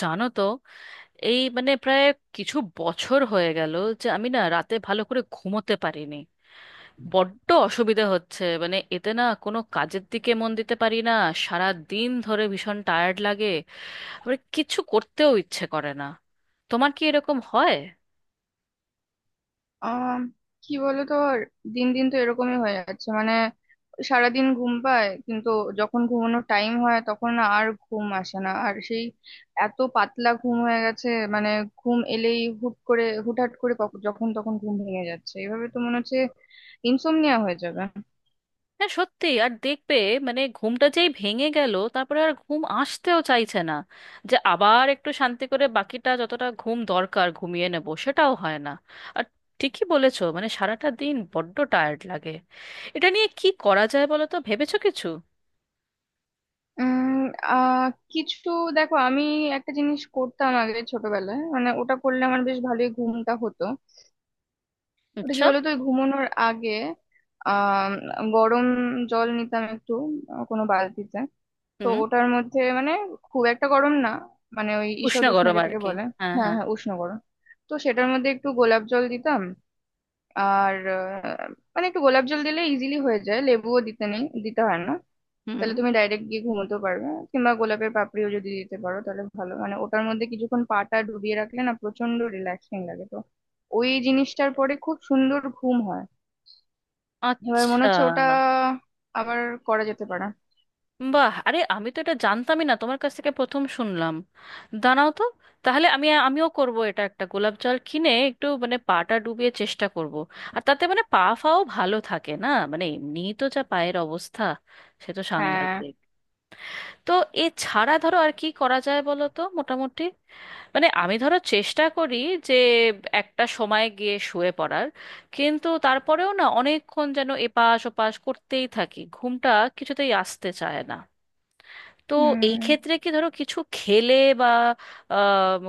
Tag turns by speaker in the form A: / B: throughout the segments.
A: জানো তো, এই মানে প্রায় কিছু বছর হয়ে গেল যে আমি না রাতে ভালো করে ঘুমোতে পারিনি। বড্ড অসুবিধা হচ্ছে, মানে এতে না কোনো কাজের দিকে মন দিতে পারি না। সারা দিন ধরে ভীষণ টায়ার্ড লাগে, আবার কিছু করতেও ইচ্ছে করে না। তোমার কি এরকম হয়?
B: আহ কি বলতো, দিন দিন তো এরকমই হয়ে যাচ্ছে। মানে সারাদিন ঘুম পায়, কিন্তু যখন ঘুমানোর টাইম হয় তখন না আর ঘুম আসে না, আর সেই এত পাতলা ঘুম হয়ে গেছে। মানে ঘুম এলেই হুট করে হুটহাট করে যখন তখন ঘুম ভেঙে যাচ্ছে। এভাবে তো মনে হচ্ছে ইনসোমনিয়া হয়ে যাবে।
A: হ্যাঁ, সত্যি। আর দেখবে, মানে ঘুমটা যেই ভেঙে গেল তারপরে আর ঘুম আসতেও চাইছে না, যে আবার একটু শান্তি করে বাকিটা যতটা ঘুম দরকার ঘুমিয়ে নেব, সেটাও হয় না। আর ঠিকই বলেছো, মানে সারাটা দিন বড্ড টায়ার্ড লাগে। এটা নিয়ে কি করা যায় বলো তো, ভেবেছো কিছু?
B: উম আহ কিছু দেখো, আমি একটা জিনিস করতাম আগে ছোটবেলায়, মানে ওটা করলে আমার বেশ ভালোই ঘুমটা হতো। ওটা কি
A: আচ্ছা।
B: বলতো, ওই ঘুমানোর আগে আহ গরম জল নিতাম একটু, কোনো বালতিতে। তো
A: হুম।
B: ওটার মধ্যে মানে খুব একটা গরম না, মানে ওই
A: উষ্ণ
B: ঈষৎ উষ্ণ
A: গরম আর
B: যেটাকে
A: কি।
B: বলে।
A: হ্যাঁ,
B: হ্যাঁ,
A: হ্যাঁ।
B: হ্যাঁ, উষ্ণ গরম। তো সেটার মধ্যে একটু গোলাপ জল দিতাম। আর মানে একটু গোলাপ জল দিলে ইজিলি হয়ে যায়, লেবুও দিতে নেই, দিতে হয় না।
A: হুম।
B: তাহলে তুমি ডাইরেক্ট গিয়ে ঘুমোতে পারবে। কিংবা গোলাপের পাপড়িও যদি দিতে পারো তাহলে ভালো, মানে ওটার মধ্যে কিছুক্ষণ পাটা ডুবিয়ে রাখলে না প্রচন্ড রিল্যাক্সিং লাগে, তো ওই জিনিসটার পরে খুব সুন্দর ঘুম হয়। এবার মনে
A: আচ্ছা।
B: হচ্ছে ওটা আবার করা যেতে পারে।
A: বাহ, আরে আমি তো এটা জানতামই না, তোমার কাছ থেকে প্রথম শুনলাম। দাঁড়াও তো। তাহলে আমিও করব এটা, একটা গোলাপ জল কিনে একটু মানে পাটা ডুবিয়ে চেষ্টা করব। আর তাতে মানে পা ফাও ভালো থাকে না, মানে এমনি তো যা পায়ের অবস্থা, সে তো
B: হ্যাঁ।
A: সাংঘাতিক। তো এছাড়া ধরো আর কি করা যায় বলো তো মোটামুটি, মানে আমি ধরো চেষ্টা করি যে একটা সময় গিয়ে শুয়ে পড়ার, কিন্তু তারপরেও না অনেকক্ষণ যেন এপাশ ওপাশ করতেই থাকি, ঘুমটা কিছুতেই আসতে চায় না। তো এই
B: উম
A: ক্ষেত্রে কি ধরো কিছু খেলে বা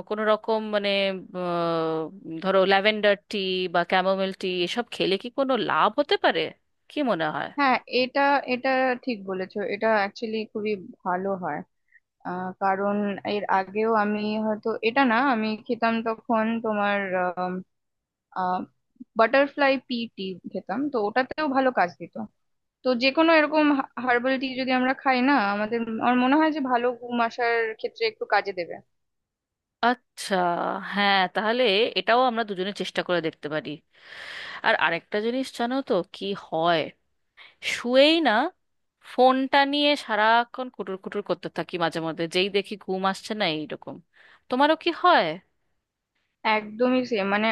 A: কোনো রকম মানে ধরো ল্যাভেন্ডার টি বা ক্যামোমেল টি এসব খেলে কি কোনো লাভ হতে পারে, কি মনে হয়?
B: হ্যাঁ, এটা এটা ঠিক বলেছো, এটা অ্যাকচুয়ালি খুবই ভালো হয়। কারণ এর আগেও আমি, হয়তো এটা না, আমি খেতাম তখন তোমার বাটারফ্লাই পি টি, খেতাম তো ওটাতেও ভালো কাজ দিত। তো যে কোনো এরকম হার্বাল টি যদি আমরা খাই না আমাদের, আমার মনে হয় যে ভালো ঘুম আসার ক্ষেত্রে একটু কাজে দেবে।
A: আচ্ছা। হ্যাঁ, তাহলে এটাও আমরা দুজনে চেষ্টা করে দেখতে পারি। আর আরেকটা জিনিস জানো তো কি হয়, শুয়েই না ফোনটা নিয়ে সারাক্ষণ কুটুর কুটুর করতে থাকি মাঝে মধ্যে, যেই দেখি ঘুম আসছে না এইরকম। তোমারও কি হয়?
B: একদমই সেম। মানে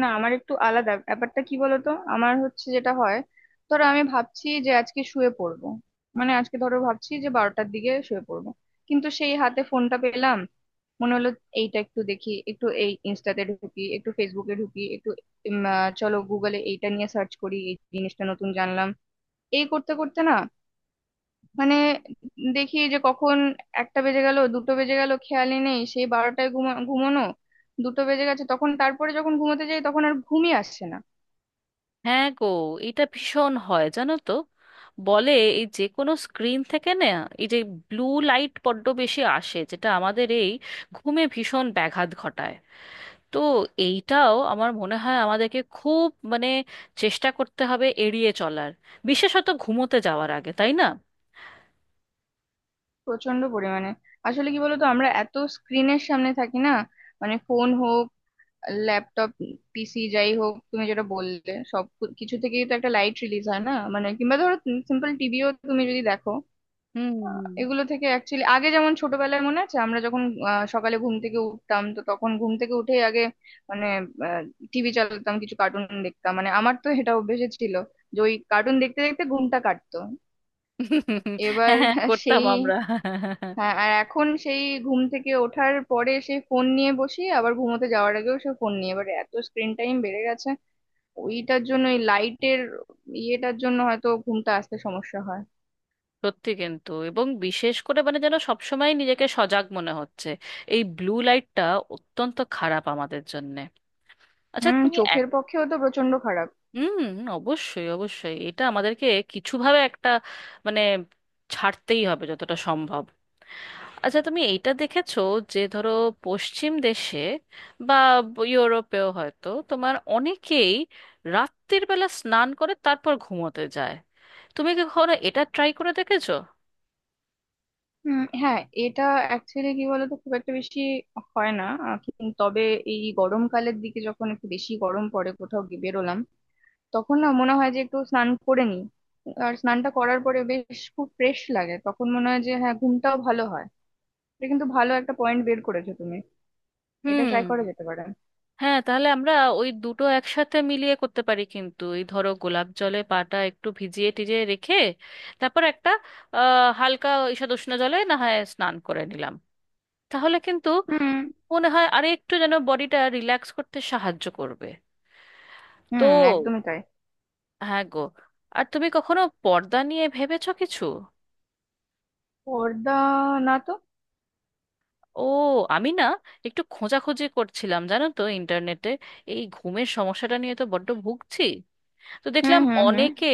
B: না, আমার একটু আলাদা ব্যাপারটা, কি বলতো, আমার হচ্ছে যেটা হয়, ধরো আমি ভাবছি যে আজকে শুয়ে পড়বো, মানে আজকে ধরো ভাবছি যে 12টার দিকে শুয়ে পড়বো। কিন্তু সেই হাতে ফোনটা পেলাম, মনে হলো এইটা একটু দেখি, একটু এই ইনস্টাতে ঢুকি, একটু ফেসবুকে ঢুকি, একটু চলো গুগলে এইটা নিয়ে সার্চ করি, এই জিনিসটা নতুন জানলাম। এই করতে করতে না, মানে দেখি যে কখন 1টা বেজে গেল, 2টো বেজে গেল, খেয়ালই নেই। সেই 12টায় ঘুমোনো, 2টো বেজে গেছে তখন। তারপরে যখন ঘুমোতে যাই তখন আর ঘুমই আসছে না।
A: হ্যাঁ গো, এটা ভীষণ হয় জানো তো। বলে এই যে কোনো স্ক্রিন থেকে না, এই যে ব্লু লাইট বড্ড বেশি আসে, যেটা আমাদের এই ঘুমে ভীষণ ব্যাঘাত ঘটায়। তো এইটাও আমার মনে হয় আমাদেরকে খুব মানে চেষ্টা করতে হবে এড়িয়ে চলার, বিশেষত ঘুমোতে যাওয়ার আগে, তাই না?
B: প্রচন্ড পরিমাণে। আসলে কি বলতো, আমরা এত স্ক্রিনের সামনে থাকি না, মানে ফোন হোক, ল্যাপটপ, পিসি, যাই হোক, তুমি যেটা বললে সব কিছু থেকেই তো একটা লাইট রিলিজ হয় না, মানে কিংবা ধরো সিম্পল টিভিও তুমি যদি দেখো,
A: হুম।
B: এগুলো থেকে অ্যাকচুয়ালি। আগে যেমন ছোটবেলায় মনে আছে, আমরা যখন সকালে ঘুম থেকে উঠতাম, তো তখন ঘুম থেকে উঠেই আগে মানে টিভি চালাতাম, কিছু কার্টুন দেখতাম, মানে আমার তো এটা অভ্যেস ছিল যে ওই কার্টুন দেখতে দেখতে ঘুমটা কাটতো।
A: হুম।
B: এবার
A: হ্যাঁ, করতাম
B: সেই,
A: আমরা।
B: হ্যাঁ, আর এখন সেই ঘুম থেকে ওঠার পরে সেই ফোন নিয়ে বসি, আবার ঘুমোতে যাওয়ার আগেও সেই ফোন নিয়ে। এবার এত স্ক্রিন টাইম বেড়ে গেছে, ওইটার জন্য ওই লাইটের ইয়েটার জন্য হয়তো ঘুমটা আসতে সমস্যা হয়।
A: সত্যি, কিন্তু এবং বিশেষ করে মানে যেন সবসময় নিজেকে সজাগ মনে হচ্ছে। এই ব্লু লাইটটা অত্যন্ত খারাপ আমাদের জন্য। আচ্ছা, তুমি এক।
B: চোখের পক্ষেও তো প্রচন্ড খারাপ।
A: হুম। অবশ্যই, অবশ্যই এটা আমাদেরকে কিছুভাবে একটা মানে ছাড়তেই হবে যতটা সম্ভব। আচ্ছা, তুমি এইটা দেখেছো যে ধরো পশ্চিম দেশে বা ইউরোপেও হয়তো তোমার অনেকেই রাত্রির বেলা স্নান করে তারপর ঘুমোতে যায়, তুমি কি কখনো এটা ট্রাই করে দেখেছো?
B: হ্যাঁ, এটা অ্যাকচুয়ালি কি বলতো খুব একটা বেশি হয় না, কিন্তু তবে এই গরমকালের দিকে যখন একটু বেশি গরম পড়ে, কোথাও গিয়ে বেরোলাম, তখন না মনে হয় যে একটু স্নান করে নিই। আর স্নানটা করার পরে বেশ খুব ফ্রেশ লাগে, তখন মনে হয় যে হ্যাঁ, ঘুমটাও ভালো হয়। এটা কিন্তু ভালো একটা পয়েন্ট বের করেছো তুমি। এটা
A: হুম।
B: ট্রাই করা যেতে পারে।
A: হ্যাঁ, তাহলে আমরা ওই দুটো একসাথে মিলিয়ে করতে পারি, কিন্তু এই ধরো গোলাপ জলে পাটা একটু ভিজিয়ে টিজিয়ে রেখে তারপর একটা হালকা ঈষদুষ্ণ জলে না হয় স্নান করে নিলাম, তাহলে কিন্তু
B: হুম,
A: মনে হয় আরে একটু যেন বডিটা রিল্যাক্স করতে সাহায্য করবে। তো
B: হুম, একদমই তাই।
A: হ্যাঁ গো, আর তুমি কখনো পর্দা নিয়ে ভেবেছো কিছু?
B: পর্দা? না তো।
A: ও, আমি না একটু খোঁজাখুঁজি করছিলাম জানো তো ইন্টারনেটে, এই ঘুমের সমস্যাটা নিয়ে তো বড্ড ভুগছি। তো
B: হুম,
A: দেখলাম
B: হুম, হুম।
A: অনেকে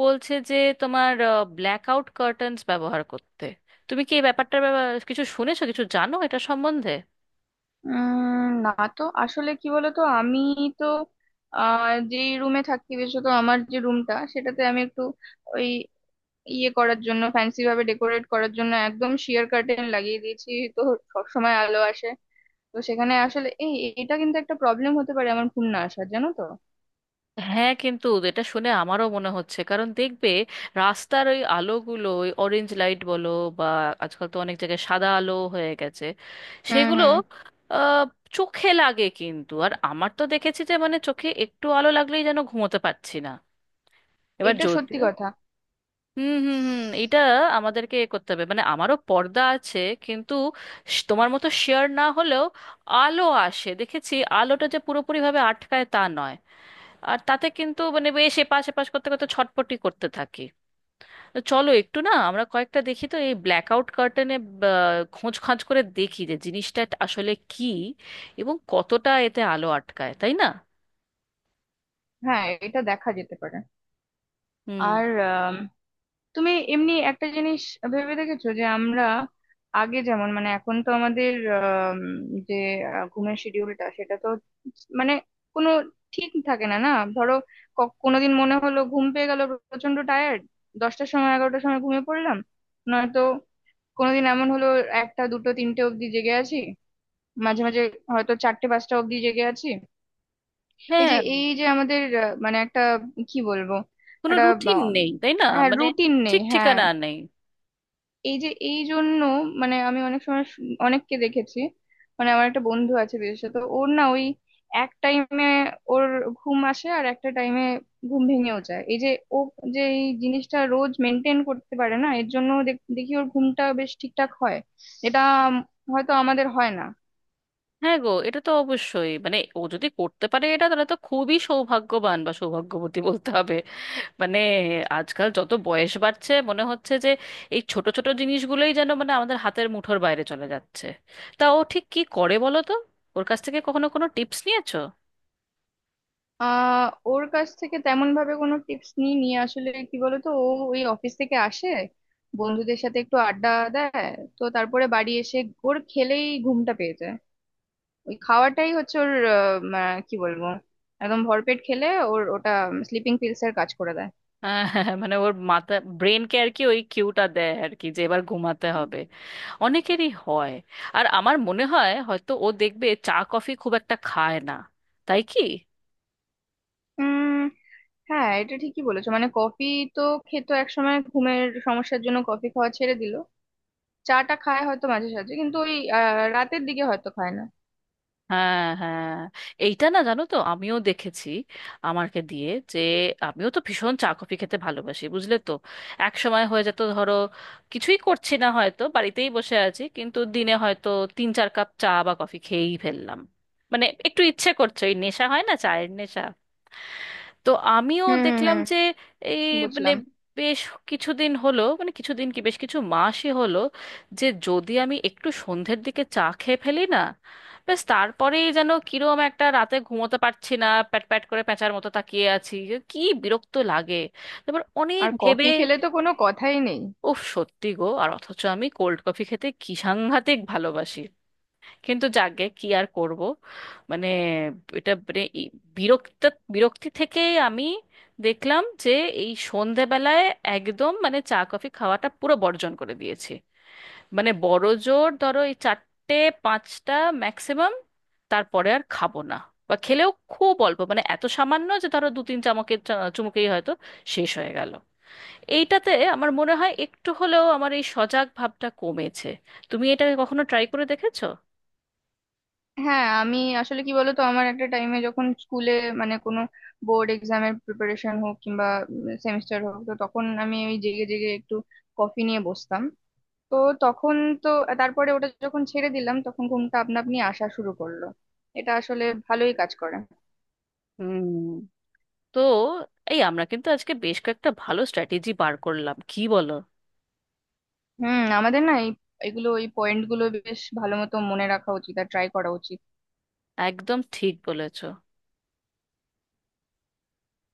A: বলছে যে তোমার ব্ল্যাকআউট কার্টেন্স ব্যবহার করতে। তুমি কি এই কিছু শুনেছো, কিছু জানো এটা সম্বন্ধে?
B: না তো, আসলে কি বলতো, আমি তো যে রুমে থাকি, বিশেষত আমার যে রুমটা সেটাতে আমি একটু ওই ইয়ে করার জন্য, ফ্যান্সি ভাবে ডেকোরেট করার জন্য একদম শিয়ার কার্টেন লাগিয়ে দিয়েছি। তো সবসময় আলো আসে, তো সেখানে আসলে এই, এটা কিন্তু একটা প্রবলেম হতে পারে আমার ঘুম না আসার, জানো তো।
A: হ্যাঁ, কিন্তু এটা শুনে আমারও মনে হচ্ছে, কারণ দেখবে রাস্তার ওই আলোগুলো, ওই অরেঞ্জ লাইট বলো বা আজকাল তো অনেক জায়গায় সাদা আলো হয়ে গেছে,
B: হুম,
A: সেগুলো
B: হুম,
A: আহ, চোখে লাগে কিন্তু। আর আমার তো দেখেছি যে মানে চোখে একটু আলো লাগলেই যেন ঘুমোতে পারছি না। এবার
B: এটা সত্যি
A: যদিও
B: কথা।
A: হুম হুম হুম, এটা আমাদেরকে এ করতে হবে, মানে আমারও পর্দা আছে কিন্তু তোমার মতো শেয়ার না হলেও আলো আসে দেখেছি, আলোটা যে পুরোপুরি ভাবে আটকায় তা নয়। আর তাতে কিন্তু মানে বেশ এপাশ এপাশ করতে করতে ছটপটি করতে থাকি। তো চলো একটু না আমরা কয়েকটা দেখি তো এই ব্ল্যাক আউট কার্টেনে, খোঁজ খাঁজ করে দেখি যে জিনিসটা আসলে কি এবং কতটা এতে আলো আটকায়, তাই না?
B: হ্যাঁ এটা দেখা যেতে পারে।
A: হুম।
B: আর তুমি এমনি একটা জিনিস ভেবে দেখেছো যে আমরা আগে যেমন, মানে এখন তো আমাদের যে ঘুমের শিডিউলটা সেটা তো মানে কোনো ঠিক থাকে না না। ধরো কোনোদিন মনে হলো ঘুম পেয়ে গেল, প্রচন্ড টায়ার্ড, 10টার সময়, 11টার সময় ঘুমিয়ে পড়লাম। নয়তো কোনোদিন এমন হলো 1টা 2টো 3টে অবধি জেগে আছি, মাঝে মাঝে হয়তো 4টে 5টা অবধি জেগে আছি। এই যে,
A: হ্যাঁ।
B: এই যে আমাদের মানে একটা কি বলবো,
A: কোনো
B: একটা
A: রুটিন নেই তাই না, মানে
B: রুটিন নেই,
A: ঠিক
B: হ্যাঁ।
A: ঠিকানা নেই।
B: এই যে এই জন্য, মানে আমি অনেক সময় অনেককে দেখেছি, মানে আমার একটা বন্ধু আছে, বিশেষত ওর না, ওই এক টাইমে ওর ঘুম আসে আর একটা টাইমে ঘুম ভেঙেও যায়। এই যে ও, যে এই জিনিসটা রোজ মেনটেন করতে পারে না, এর জন্য দেখি ওর ঘুমটা বেশ ঠিকঠাক হয়। যেটা উম, হয়তো আমাদের হয় না।
A: হ্যাঁ গো, এটা তো অবশ্যই, মানে ও যদি করতে পারে এটা তাহলে তো খুবই সৌভাগ্যবান বা সৌভাগ্যবতী বলতে হবে। মানে আজকাল যত বয়স বাড়ছে মনে হচ্ছে যে এই ছোট ছোট জিনিসগুলোই যেন মানে আমাদের হাতের মুঠোর বাইরে চলে যাচ্ছে। তা ও ঠিক কি করে বলো তো, ওর কাছ থেকে কখনো কোনো টিপস নিয়েছো?
B: আহ ওর কাছ থেকে তেমন ভাবে কোনো টিপস নিই, নিয়ে আসলে কি বলতো, ও ওই অফিস থেকে আসে, বন্ধুদের সাথে একটু আড্ডা দেয়, তো তারপরে বাড়ি এসে ঘোর খেলেই ঘুমটা পেয়ে যায়। ওই খাওয়াটাই হচ্ছে ওর কি বলবো, একদম ভরপেট খেলে ওর ওটা স্লিপিং পিলস এর কাজ করে দেয়।
A: হ্যাঁ, হ্যাঁ, হ্যাঁ, মানে ওর ব্রেনকে আর কি ওই কিউটা দেয় আর কি, যে এবার ঘুমাতে হবে, অনেকেরই হয়। আর আমার মনে হয় হয়তো ও দেখবে চা কফি খুব একটা খায় না, তাই কি?
B: উম হ্যাঁ, এটা ঠিকই বলেছো, মানে কফি তো খেতো একসময়, ঘুমের সমস্যার জন্য কফি খাওয়া ছেড়ে দিল। চাটা খায় হয়তো মাঝে সাঝে, কিন্তু ওই রাতের দিকে হয়তো খায় না।
A: হ্যাঁ, হ্যাঁ, এইটা না জানো তো আমিও দেখেছি আমারকে দিয়ে, যে আমিও তো ভীষণ চা কফি খেতে ভালোবাসি বুঝলে তো। এক সময় হয়ে যেত ধরো, কিছুই করছি না হয়তো বাড়িতেই বসে আছি কিন্তু দিনে হয়তো তিন চার কাপ চা বা কফি খেয়েই ফেললাম। মানে একটু ইচ্ছে করছে, ওই নেশা হয় না চায়ের নেশা। তো আমিও
B: হুম, হুম,
A: দেখলাম যে
B: হুম,
A: এই মানে
B: বুঝলাম।
A: বেশ কিছুদিন হলো, মানে কিছুদিন কি বেশ কিছু মাসই হলো, যে যদি আমি একটু সন্ধ্যের দিকে চা খেয়ে ফেলি না, ব্যাস তারপরেই যেন কিরম একটা রাতে ঘুমোতে পারছি না, প্যাট প্যাট করে প্যাঁচার মতো তাকিয়ে আছি, যে কি বিরক্ত লাগে। তারপর অনেক
B: আর
A: ভেবে,
B: কফি খেলে তো কোনো কথাই নেই।
A: উফ সত্যি গো, আর অথচ আমি কোল্ড কফি খেতে কি সাংঘাতিক ভালোবাসি, কিন্তু যাকগে কি আর করব। মানে এটা মানে এই বিরক্ত বিরক্তি থেকেই আমি দেখলাম যে এই সন্ধেবেলায় একদম মানে চা কফি খাওয়াটা পুরো বর্জন করে দিয়েছি। মানে বড় জোর ধরো এই চারটে পাঁচটা ম্যাক্সিমাম, তারপরে আর খাবো না। বা খেলেও খুব অল্প, মানে এত সামান্য যে ধরো দু তিন চুমুকেই হয়তো শেষ হয়ে গেল। এইটাতে আমার মনে হয় একটু হলেও আমার এই সজাগ ভাবটা কমেছে। তুমি এটা কখনো ট্রাই করে দেখেছো?
B: হ্যাঁ, আমি আসলে কি বলতো, আমার একটা টাইমে যখন স্কুলে, মানে কোনো বোর্ড এক্সামের প্রিপারেশন হোক কিংবা সেমিস্টার হোক, তো তখন আমি ওই জেগে জেগে একটু কফি নিয়ে বসতাম। তো তখন, তো তারপরে ওটা যখন ছেড়ে দিলাম তখন ঘুমটা আপনা আপনি আসা শুরু করলো। এটা আসলে ভালোই কাজ করে।
A: হুম। তো এই আমরা কিন্তু আজকে বেশ কয়েকটা ভালো স্ট্র্যাটেজি বার করলাম, কি বলো?
B: হুম, আমাদের না এই এগুলো, এই পয়েন্ট গুলো বেশ ভালো মতো মনে রাখা উচিত আর ট্রাই করা উচিত।
A: একদম ঠিক বলেছো।